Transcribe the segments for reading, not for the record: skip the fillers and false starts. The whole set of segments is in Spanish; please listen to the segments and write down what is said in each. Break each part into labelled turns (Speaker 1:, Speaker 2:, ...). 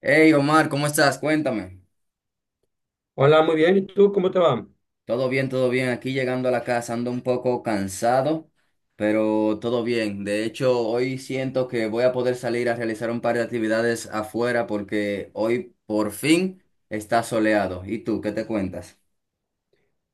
Speaker 1: Hey Omar, ¿cómo estás? Cuéntame.
Speaker 2: Hola, muy bien. ¿Y tú cómo te va?
Speaker 1: Todo bien, todo bien. Aquí llegando a la casa ando un poco cansado, pero todo bien. De hecho, hoy siento que voy a poder salir a realizar un par de actividades afuera porque hoy por fin está soleado. ¿Y tú, qué te cuentas?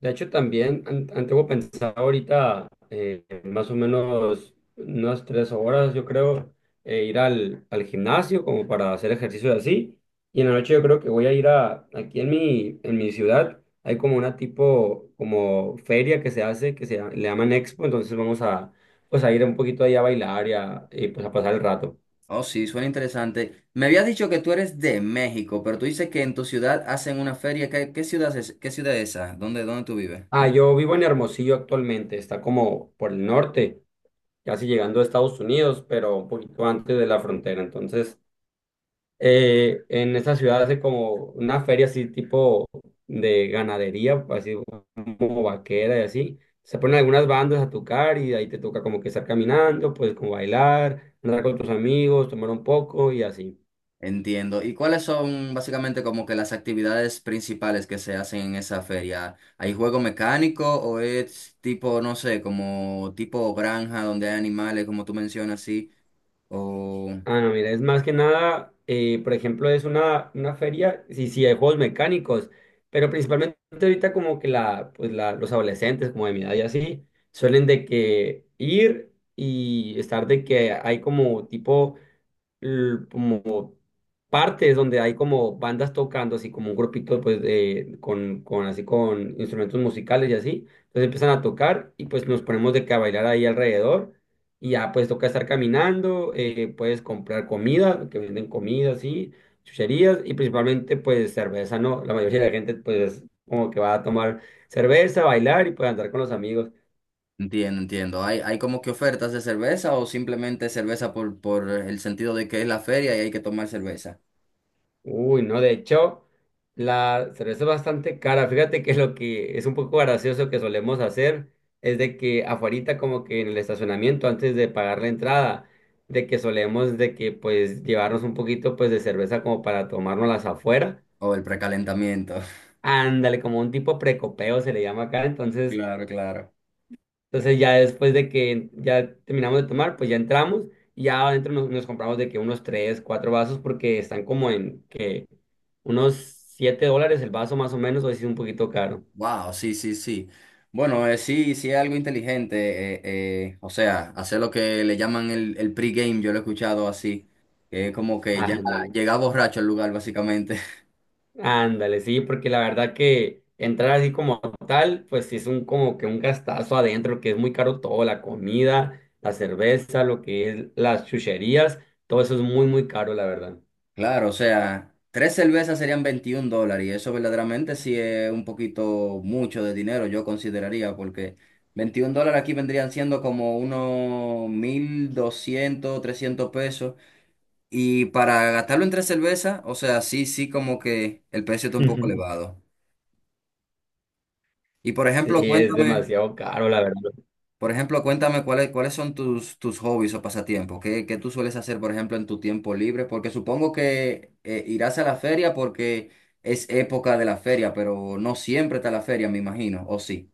Speaker 2: De hecho, también tengo pensado ahorita más o menos unas 3 horas, yo creo, ir al gimnasio como para hacer ejercicio y así. Y en la noche yo creo que voy a ir aquí en en mi ciudad, hay como una tipo, como feria que se hace, le llaman Expo, entonces pues a ir un poquito ahí a bailar y pues a pasar el rato.
Speaker 1: Oh, sí, suena interesante. Me habías dicho que tú eres de México, pero tú dices que en tu ciudad hacen una feria. ¿Qué ciudad es, qué ciudad es esa? ¿Dónde tú vives?
Speaker 2: Ah, yo vivo en Hermosillo actualmente, está como por el norte, casi llegando a Estados Unidos, pero un poquito antes de la frontera. Entonces, en esa ciudad hace como una feria así tipo de ganadería, así como vaquera y así. Se ponen algunas bandas a tocar y ahí te toca como que estar caminando, pues como bailar, andar con tus amigos, tomar un poco y así.
Speaker 1: Entiendo. ¿Y cuáles son básicamente como que las actividades principales que se hacen en esa feria? ¿Hay juego mecánico o es tipo, no sé, como tipo granja donde hay animales, como tú mencionas, sí? O
Speaker 2: Ah, no, mira, es más que nada, por ejemplo, es una feria, sí, sí, hay juegos mecánicos, pero principalmente ahorita como que los adolescentes como de mi edad y así, suelen de que ir y estar de que hay como tipo como partes donde hay como bandas tocando, así como un grupito pues con así con instrumentos musicales y así. Entonces empiezan a tocar y pues nos ponemos de que a bailar ahí alrededor y ya pues toca estar caminando, puedes comprar comida, que venden comida así, chucherías y principalmente pues cerveza, ¿no? La mayoría de la gente pues como que va a tomar cerveza, bailar y pues andar con los amigos.
Speaker 1: Entiendo, entiendo. ¿Hay como que ofertas de cerveza o simplemente cerveza por el sentido de que es la feria y hay que tomar cerveza?
Speaker 2: Uy, no, de hecho, la cerveza es bastante cara. Fíjate que lo que es un poco gracioso que solemos hacer es de que afuerita como que en el estacionamiento antes de pagar la entrada, de que solemos de que pues llevarnos un poquito pues de cerveza como para tomárnoslas afuera.
Speaker 1: O el precalentamiento.
Speaker 2: Ándale, como un tipo precopeo se le llama acá. Entonces,
Speaker 1: Claro, claro.
Speaker 2: entonces ya después de que ya terminamos de tomar, pues ya entramos y ya adentro nos compramos de que unos tres, cuatro vasos porque están como en que unos $7 el vaso más o menos, o así es un poquito caro.
Speaker 1: Wow, sí, sí, sí. Bueno, sí, sí es algo inteligente. O sea, hacer lo que le llaman el pre-game, yo lo he escuchado así. Que es como que ya
Speaker 2: Ándale,
Speaker 1: llega borracho al lugar, básicamente.
Speaker 2: ándale, sí, porque la verdad que entrar así como tal, pues sí es un como que un gastazo adentro, que es muy caro todo, la comida, la cerveza, lo que es las chucherías, todo eso es muy, muy caro, la verdad.
Speaker 1: Claro, o sea, tres cervezas serían $21. Y eso verdaderamente sí es un poquito mucho de dinero, yo consideraría, porque $21 aquí vendrían siendo como unos 1.200, 1.300 pesos. Y para gastarlo en tres cervezas, o sea, sí, sí, como que el precio está un poco elevado. Y por
Speaker 2: Sí,
Speaker 1: ejemplo,
Speaker 2: es
Speaker 1: cuéntame,
Speaker 2: demasiado caro, la verdad.
Speaker 1: por ejemplo, cuéntame cuáles son tus hobbies o pasatiempos. ¿Qué tú sueles hacer, por ejemplo, en tu tiempo libre? Porque supongo que irás a la feria porque es época de la feria, pero no siempre está la feria, me imagino, ¿o sí?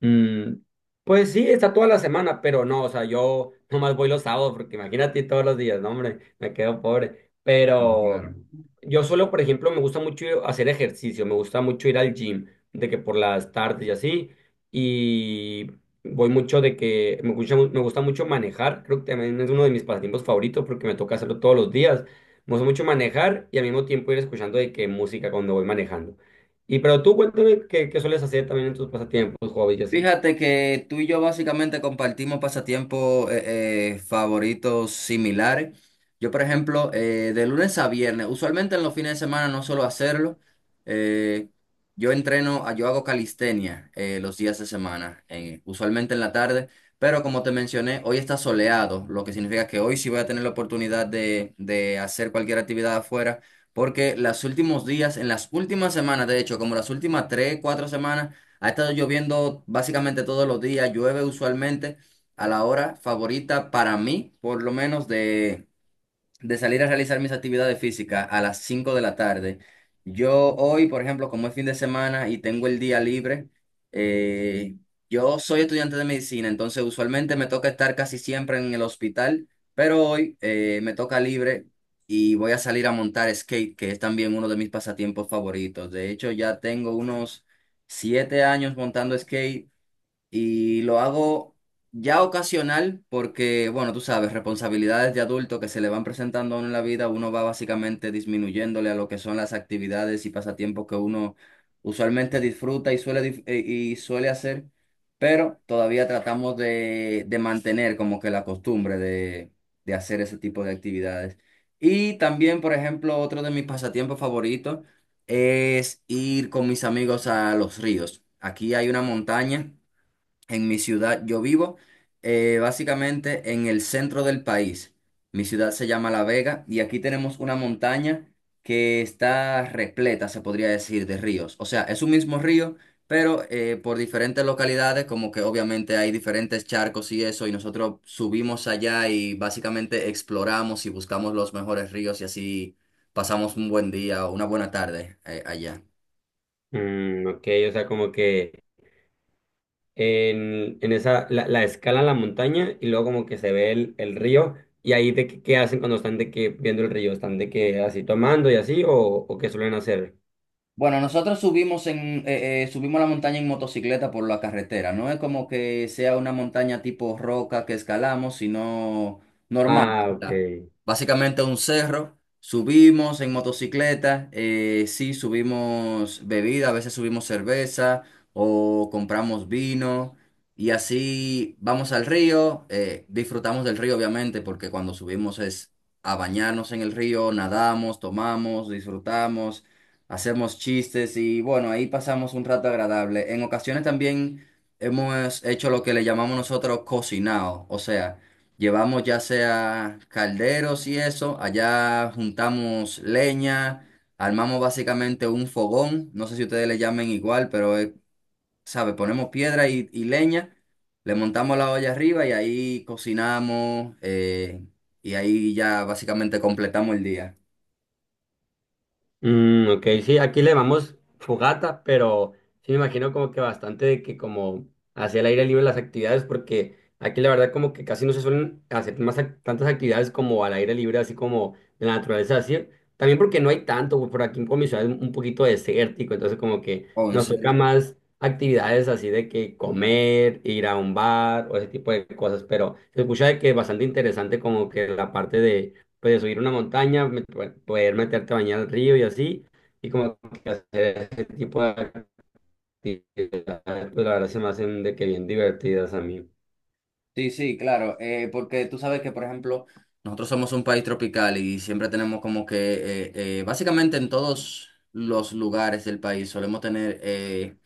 Speaker 2: Mm, pues sí, está toda la semana, pero no, o sea, yo nomás voy los sábados, porque imagínate todos los días, no, hombre, me quedo pobre.
Speaker 1: Claro.
Speaker 2: Pero yo solo, por ejemplo, me gusta mucho hacer ejercicio, me gusta mucho ir al gym, de que por las tardes y así, y voy mucho de que me gusta mucho manejar, creo que también es uno de mis pasatiempos favoritos porque me toca hacerlo todos los días. Me gusta mucho manejar y al mismo tiempo ir escuchando de qué música cuando voy manejando. Y pero tú cuéntame qué sueles hacer también en tus pasatiempos, hobbies y así.
Speaker 1: Fíjate que tú y yo básicamente compartimos pasatiempos favoritos similares. Yo, por ejemplo, de lunes a viernes, usualmente en los fines de semana no suelo hacerlo. eh, yo hago calistenia los días de semana, usualmente en la tarde, pero como te mencioné, hoy está soleado, lo que significa que hoy sí voy a tener la oportunidad de hacer cualquier actividad afuera, porque los últimos días, en las últimas semanas, de hecho, como las últimas 3, 4 semanas, ha estado lloviendo básicamente todos los días, llueve usualmente a la hora favorita para mí, por lo menos de salir a realizar mis actividades físicas a las 5 de la tarde. Yo hoy, por ejemplo, como es fin de semana y tengo el día libre, eh, yo soy estudiante de medicina, entonces usualmente me toca estar casi siempre en el hospital, pero hoy me toca libre y voy a salir a montar skate, que es también uno de mis pasatiempos favoritos. De hecho, ya tengo unos 7 años montando skate y lo hago ya ocasional porque, bueno, tú sabes, responsabilidades de adulto que se le van presentando a uno en la vida, uno va básicamente disminuyéndole a lo que son las actividades y pasatiempos que uno usualmente disfruta y suele hacer, pero todavía tratamos de mantener como que la costumbre de hacer ese tipo de actividades. Y también, por ejemplo, otro de mis pasatiempos favoritos es ir con mis amigos a los ríos. Aquí hay una montaña en mi ciudad. Yo vivo básicamente en el centro del país. Mi ciudad se llama La Vega y aquí tenemos una montaña que está repleta, se podría decir, de ríos. O sea, es un mismo río, pero por diferentes localidades, como que obviamente hay diferentes charcos y eso, y nosotros subimos allá y básicamente exploramos y buscamos los mejores ríos y así pasamos un buen día o una buena tarde allá.
Speaker 2: Mm, ok, o sea, como que en esa, la escala la montaña y luego como que se ve el río y ahí qué hacen cuando están de que viendo el río, están de que así tomando y así o qué suelen hacer.
Speaker 1: Bueno, nosotros subimos la montaña en motocicleta por la carretera. No es como que sea una montaña tipo roca que escalamos, sino normal.
Speaker 2: Ah,
Speaker 1: O
Speaker 2: ok.
Speaker 1: sea, básicamente un cerro. Subimos en motocicleta. Sí, subimos bebida, a veces subimos cerveza o compramos vino. Y así vamos al río. Disfrutamos del río, obviamente, porque cuando subimos es a bañarnos en el río, nadamos, tomamos, disfrutamos, hacemos chistes y bueno, ahí pasamos un rato agradable. En ocasiones también hemos hecho lo que le llamamos nosotros cocinado, o sea, llevamos ya sea calderos y eso, allá juntamos leña, armamos básicamente un fogón, no sé si ustedes le llamen igual, pero sabe, ponemos piedra y leña, le montamos la olla arriba y ahí cocinamos y ahí ya básicamente completamos el día.
Speaker 2: Mm, ok, sí, aquí le llamamos fogata, pero sí me imagino como que bastante de que como hacia el aire libre las actividades, porque aquí la verdad como que casi no se suelen hacer más tantas actividades como al aire libre, así como en la naturaleza, así. También porque no hay tanto, güey, por aquí en mi ciudad es un poquito desértico, entonces como que
Speaker 1: Oh, ¿en
Speaker 2: nos toca
Speaker 1: serio?
Speaker 2: más actividades así de que comer, ir a un bar o ese tipo de cosas, pero se escucha de que es bastante interesante como que la parte de pues subir una montaña, bueno, poder meterte a bañar al río y así, y como que hacer ese tipo de actividades, pues la verdad se me hacen de que bien divertidas a mí.
Speaker 1: Sí, sí, claro, porque tú sabes que, por ejemplo, nosotros somos un país tropical y siempre tenemos como que, básicamente en todos los lugares del país solemos tener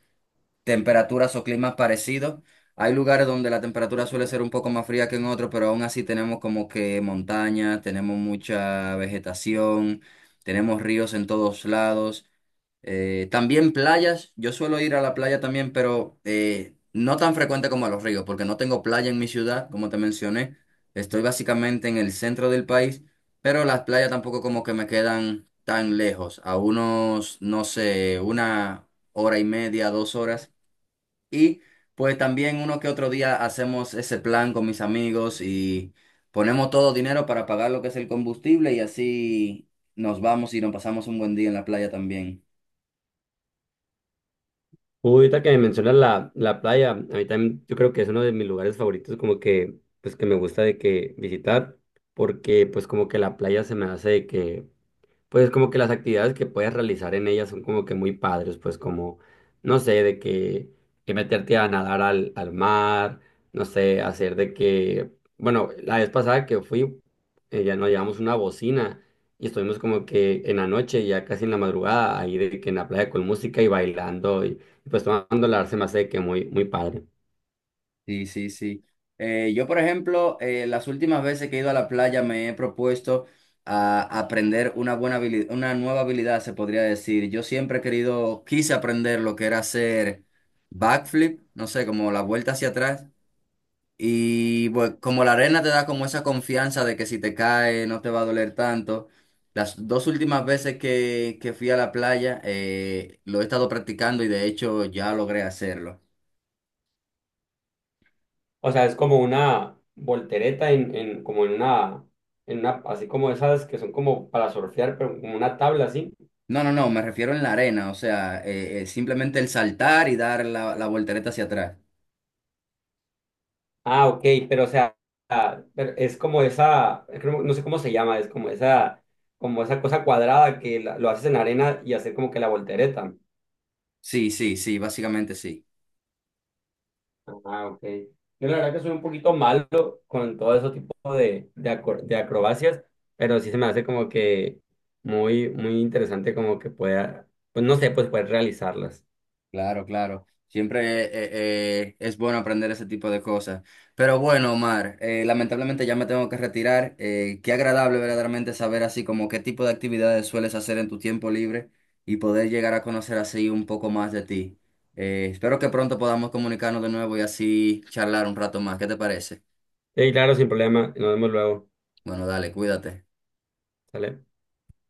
Speaker 1: temperaturas o climas parecidos. Hay lugares donde la temperatura suele ser un poco más fría que en otros, pero aún así tenemos como que montaña, tenemos mucha vegetación, tenemos ríos en todos lados. También playas, yo suelo ir a la playa también, pero no tan frecuente como a los ríos, porque no tengo playa en mi ciudad, como te mencioné. Estoy básicamente en el centro del país, pero las playas tampoco como que me quedan tan lejos, a unos, no sé, una hora y media, 2 horas. Y pues también uno que otro día hacemos ese plan con mis amigos y ponemos todo dinero para pagar lo que es el combustible y así nos vamos y nos pasamos un buen día en la playa también.
Speaker 2: Ahorita que me mencionas la playa, a mí también yo creo que es uno de mis lugares favoritos como que, pues que me gusta de que visitar, porque pues como que la playa se me hace de que pues como que las actividades que puedes realizar en ellas son como que muy padres, pues como, no sé, que meterte a nadar al mar, no sé, bueno, la vez pasada que fui, ya nos llevamos una bocina y estuvimos como que en la noche, ya casi en la madrugada, ahí de que en la playa con música y bailando y pues tomando la se me hace que muy, muy padre.
Speaker 1: Sí, sí, sí. Yo, por ejemplo, las últimas veces que he ido a la playa me he propuesto a aprender una nueva habilidad, se podría decir. Yo siempre he querido, quise aprender lo que era hacer backflip, no sé, como la vuelta hacia atrás. Y bueno, como la arena te da como esa confianza de que si te cae no te va a doler tanto. Las dos últimas veces que fui a la playa lo he estado practicando y de hecho ya logré hacerlo.
Speaker 2: O sea, es como una voltereta en como en en una, así como esas que son como para surfear, pero como una tabla así.
Speaker 1: No, no, no, me refiero en la arena, o sea, simplemente el saltar y dar la voltereta hacia atrás.
Speaker 2: Ah, ok, pero o sea, ah, pero es como esa, no sé cómo se llama, es como esa cosa cuadrada que lo haces en arena y hacer como que la voltereta.
Speaker 1: Sí, sí, sí, básicamente sí.
Speaker 2: Ah, ok. Yo la verdad que soy un poquito malo con todo ese tipo de acrobacias, pero sí se me hace como que muy, muy interesante como que pueda, pues no sé, pues poder realizarlas.
Speaker 1: Claro, claro. Siempre es bueno aprender ese tipo de cosas. Pero bueno, Omar, lamentablemente ya me tengo que retirar. Qué agradable verdaderamente saber así como qué tipo de actividades sueles hacer en tu tiempo libre y poder llegar a conocer así un poco más de ti. Espero que pronto podamos comunicarnos de nuevo y así charlar un rato más. ¿Qué te parece?
Speaker 2: Sí, claro, sin problema, nos vemos luego.
Speaker 1: Bueno, dale, cuídate.
Speaker 2: ¿Sale?